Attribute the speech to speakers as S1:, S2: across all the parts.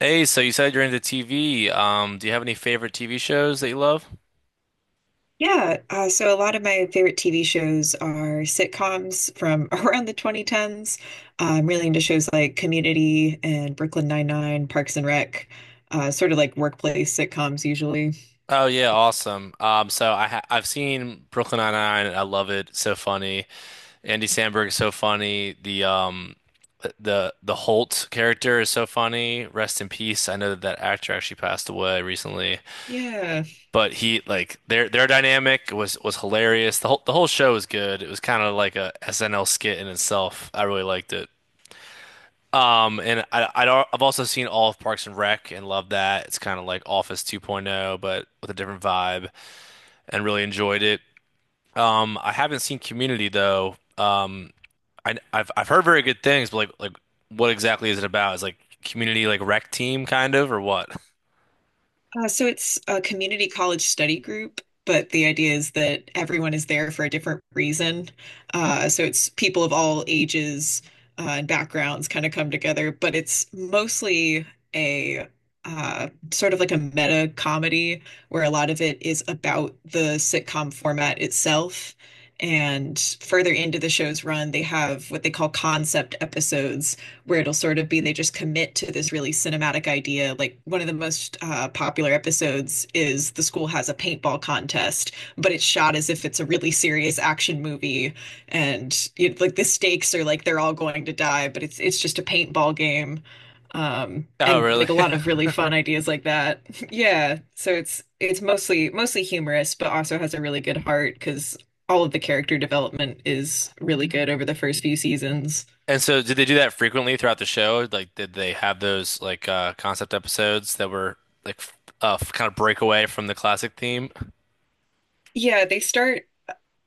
S1: Hey, so you said you're into TV. Do you have any favorite TV shows that you love?
S2: Yeah, so a lot of my favorite TV shows are sitcoms from around the 2010s. I'm really into shows like Community and Brooklyn Nine-Nine, Parks and Rec, sort of like workplace sitcoms usually.
S1: Oh yeah, awesome. So I've seen Brooklyn Nine-Nine and I love it. So funny. Andy Samberg is so funny. The Holt character is so funny. Rest in peace. I know that actor actually passed away recently,
S2: Yeah.
S1: but he like their dynamic was hilarious. The whole show was good. It was kind of like a SNL skit in itself. I really liked it. And I don't, I've also seen all of Parks and Rec and loved that. It's kind of like Office 2.0, but with a different vibe and really enjoyed it. I haven't seen Community though. I've heard very good things, but what exactly is it about? Is like Community like rec team kind of or what?
S2: So it's a community college study group, but the idea is that everyone is there for a different reason. So it's people of all ages and backgrounds kind of come together, but it's mostly a sort of like a meta comedy where a lot of it is about the sitcom format itself. And further into the show's run, they have what they call concept episodes where it'll sort of be they just commit to this really cinematic idea. Like one of the most popular episodes is the school has a paintball contest, but it's shot as if it's a really serious action movie, and you like the stakes are like they're all going to die, but it's just a paintball game.
S1: Oh,
S2: And
S1: really?
S2: like a lot of really fun ideas like that. Yeah, so it's mostly humorous, but also has a really good heart because all of the character development is really good over the first few seasons.
S1: And so did they do that frequently throughout the show? Like, did they have those like concept episodes that were like kind of break away from the classic theme?
S2: Yeah,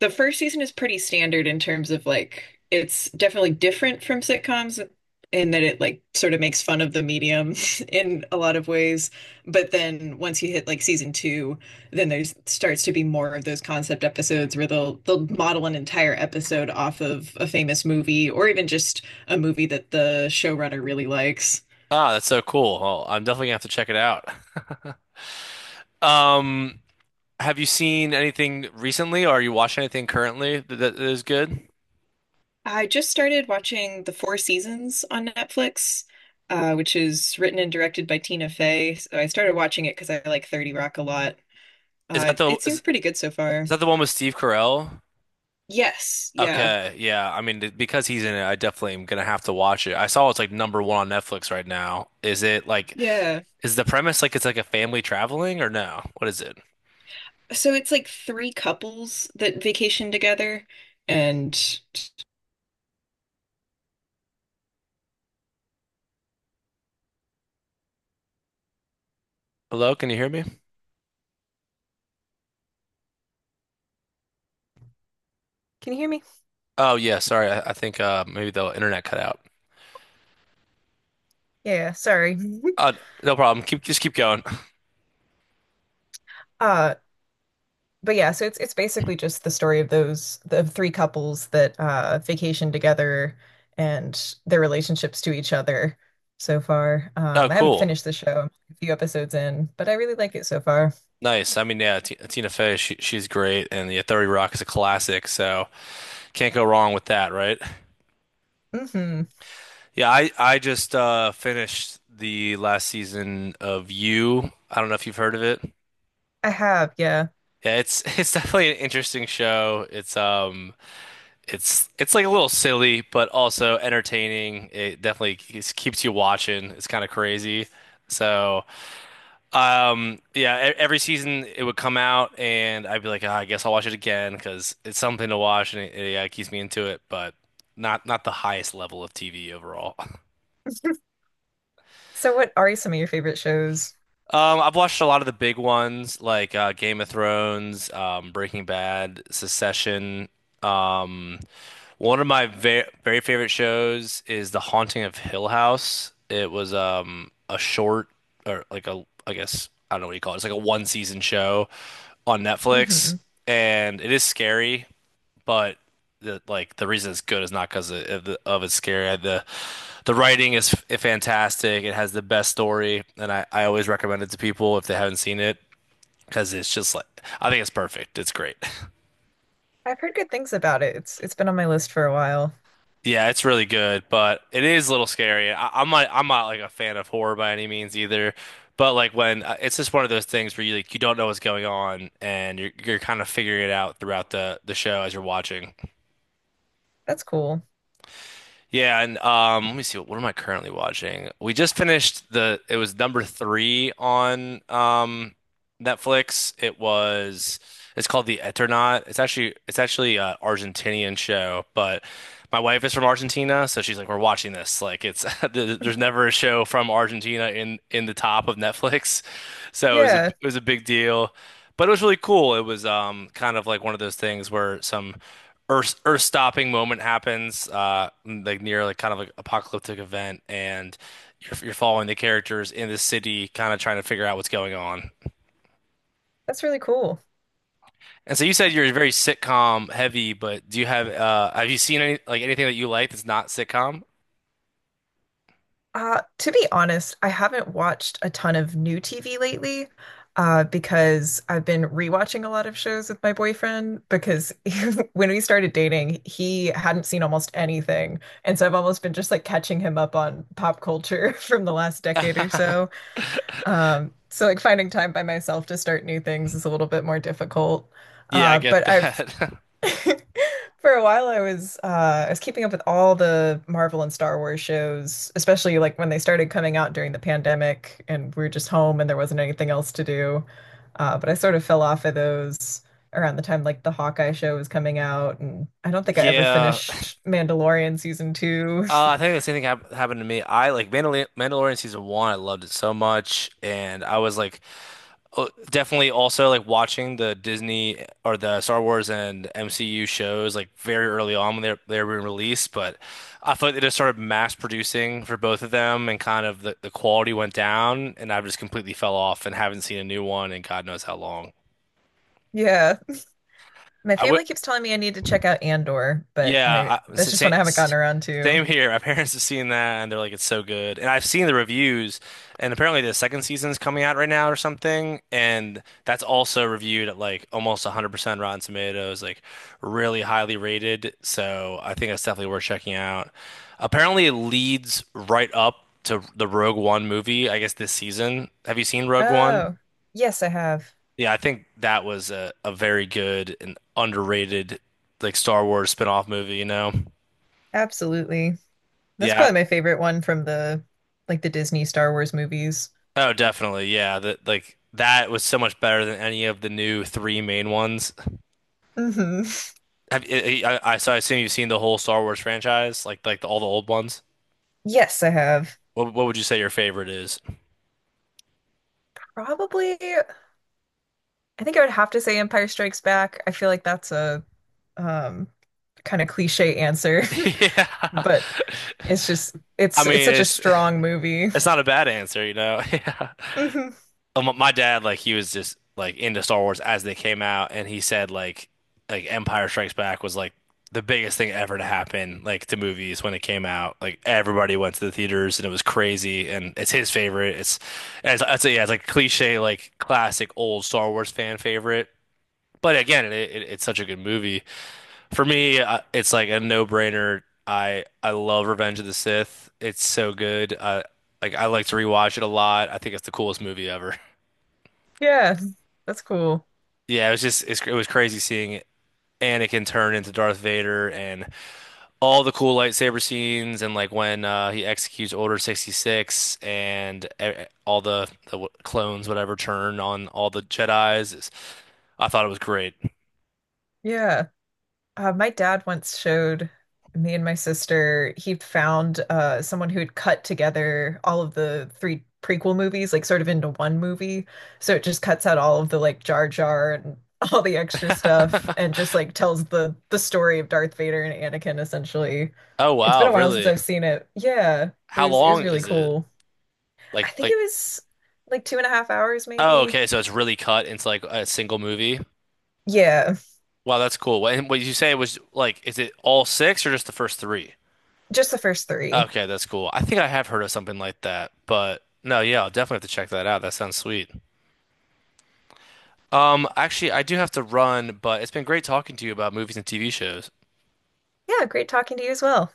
S2: The first season is pretty standard in terms of like it's definitely different from sitcoms in that it like sort of makes fun of the medium in a lot of ways. But then once you hit like season two, then there's starts to be more of those concept episodes where they'll model an entire episode off of a famous movie or even just a movie that the showrunner really likes.
S1: Ah, that's so cool. Oh, I'm definitely gonna have to check it out. Um, have you seen anything recently, or are you watching anything currently that is good?
S2: I just started watching The Four Seasons on Netflix, which is written and directed by Tina Fey. So I started watching it because I like 30 Rock a lot.
S1: Is that the
S2: It
S1: is,
S2: seems pretty good so
S1: is
S2: far.
S1: that the one with Steve Carell?
S2: Yes, yeah,
S1: Okay, yeah. I mean, because he's in it, I definitely am gonna have to watch it. I saw it's like number one on Netflix right now.
S2: yeah.
S1: Is the premise like it's like a family traveling or no? What is it?
S2: So it's like three couples that vacation together, and
S1: Hello, can you hear me?
S2: Can you hear me?
S1: Oh yeah, sorry. I think maybe the internet cut out.
S2: Yeah, sorry.
S1: Uh, no problem. Keep just keep going.
S2: Uh, but yeah, so it's basically just the story of those the three couples that vacation together and their relationships to each other so far.
S1: Oh,
S2: I haven't
S1: cool.
S2: finished the show. I'm a few episodes in, but I really like it so far.
S1: Nice. I mean, yeah, T Tina Fey, she's great, and yeah, 30 Rock is a classic, so can't go wrong with that, right?
S2: Hmm.
S1: Yeah, I just finished the last season of You. I don't know if you've heard of it.
S2: I have, yeah.
S1: Yeah, it's it's definitely an interesting show. It's it's like a little silly, but also entertaining. It definitely keeps you watching. It's kind of crazy. So. Yeah, every season it would come out, and I'd be like, "Ah, I guess I'll watch it again because it's something to watch, and yeah, it keeps me into it." But not the highest level of TV overall.
S2: So what are some of your favorite shows?
S1: I've watched a lot of the big ones like Game of Thrones, Breaking Bad, Succession. Um, One of my very favorite shows is The Haunting of Hill House. It was a short, or like, a I guess I don't know what you call it. It's like a one season show on Netflix,
S2: Hmm.
S1: and it is scary, but the reason it's good is not because of it's scary. The writing is f fantastic. It has the best story, and I always recommend it to people if they haven't seen it, because it's just like I think it's perfect. It's great.
S2: I've heard good things about it. It's been on my list for a while.
S1: Yeah, it's really good, but it is a little scary. I'm not like a fan of horror by any means either, but like when it's just one of those things where you don't know what's going on, and you're kind of figuring it out throughout the show as you're watching.
S2: That's cool.
S1: Yeah, and let me see, what am I currently watching? We just finished the it was number three on Netflix. It's called The Eternaut. It's actually a Argentinian show, but my wife is from Argentina, so she's like, we're watching this. Like it's there's never a show from Argentina in the top of Netflix. So it
S2: Yeah,
S1: was a big deal. But it was really cool. It was kind of like one of those things where some earth stopping moment happens, like near like kind of like apocalyptic event, and you're following the characters in the city kind of trying to figure out what's going on.
S2: that's really cool.
S1: And so you said you're very sitcom heavy, but do you have you seen any anything that you like that's not sitcom?
S2: To be honest, I haven't watched a ton of new TV lately, because I've been rewatching a lot of shows with my boyfriend because when we started dating, he hadn't seen almost anything. And so I've almost been just like catching him up on pop culture from the last decade or so. So like finding time by myself to start new things is a little bit more difficult.
S1: Yeah, I get
S2: But I've
S1: that.
S2: For a while, I was keeping up with all the Marvel and Star Wars shows, especially like when they started coming out during the pandemic, and we were just home and there wasn't anything else to do. But I sort of fell off of those around the time like the Hawkeye show was coming out, and I don't think I ever
S1: Yeah,
S2: finished Mandalorian season two.
S1: I think the same thing happened to me. I like Mandalorian season one. I loved it so much, and I was like definitely also like watching the Disney or the Star Wars and MCU shows like very early on when they were released, but I feel like they just started mass producing for both of them, and kind of the quality went down, and I've just completely fell off and haven't seen a new one in God knows how long.
S2: Yeah, my
S1: I
S2: family keeps telling me I need to check out Andor, but I
S1: Yeah,
S2: that's just
S1: same,
S2: one I haven't gotten around to.
S1: same here. My parents have seen that, and they're like, it's so good. And I've seen the reviews, and apparently the second season's coming out right now or something. And that's also reviewed at like almost 100% Rotten Tomatoes, like really highly rated. So I think that's definitely worth checking out. Apparently, it leads right up to the Rogue One movie, I guess this season. Have you seen Rogue One?
S2: Oh, yes, I have.
S1: Yeah, I think that was a very good and underrated like Star Wars spin-off movie, you know?
S2: Absolutely. That's
S1: Yeah.
S2: probably my favorite one from the like the Disney Star Wars movies.
S1: Oh, definitely. Yeah. That that was so much better than any of the new three main ones.
S2: Hmm.
S1: Have, I- so I assume you've seen the whole Star Wars franchise, like all the old ones.
S2: Yes, I have.
S1: What would you say your favorite is?
S2: Probably, I think I would have to say Empire Strikes Back. I feel like that's a um kind of cliche answer,
S1: Yeah.
S2: but it's just
S1: I
S2: it's
S1: mean,
S2: such a strong movie.
S1: it's not a bad answer, you know. Yeah. My dad, like, he was just like into Star Wars as they came out, and he said like Empire Strikes Back was like the biggest thing ever to happen like to movies when it came out. Like everybody went to the theaters, and it was crazy. And it's his favorite. It's As I'd say, yeah, it's like cliche, like classic old Star Wars fan favorite. But again, it's such a good movie. For me, it's like a no-brainer. I love Revenge of the Sith. It's so good. Like I like to rewatch it a lot. I think it's the coolest movie ever.
S2: Yeah, that's cool.
S1: Yeah, it was just it was crazy seeing Anakin turn into Darth Vader and all the cool lightsaber scenes, and like when he executes Order 66, and all the clones whatever turn on all the Jedis. I thought it was great.
S2: Yeah. My dad once showed me and my sister, he found someone who had cut together all of the three prequel movies, like sort of into one movie. So it just cuts out all of the like Jar Jar and all the extra stuff and just like tells the story of Darth Vader and Anakin essentially.
S1: Oh
S2: It's been
S1: wow,
S2: a while since
S1: really?
S2: I've seen it. Yeah, but it
S1: How
S2: was it
S1: long
S2: was really
S1: is it?
S2: cool. I
S1: Like
S2: think it
S1: like
S2: was like two and a half hours
S1: oh
S2: maybe.
S1: okay, so it's really cut into like a single movie.
S2: Yeah,
S1: Wow, that's cool. What, and what you say was like, is it all six or just the first three?
S2: just the first three.
S1: Okay, that's cool. I think I have heard of something like that, but no, yeah, I'll definitely have to check that out. That sounds sweet. Actually, I do have to run, but it's been great talking to you about movies and TV shows.
S2: Yeah, great talking to you as well.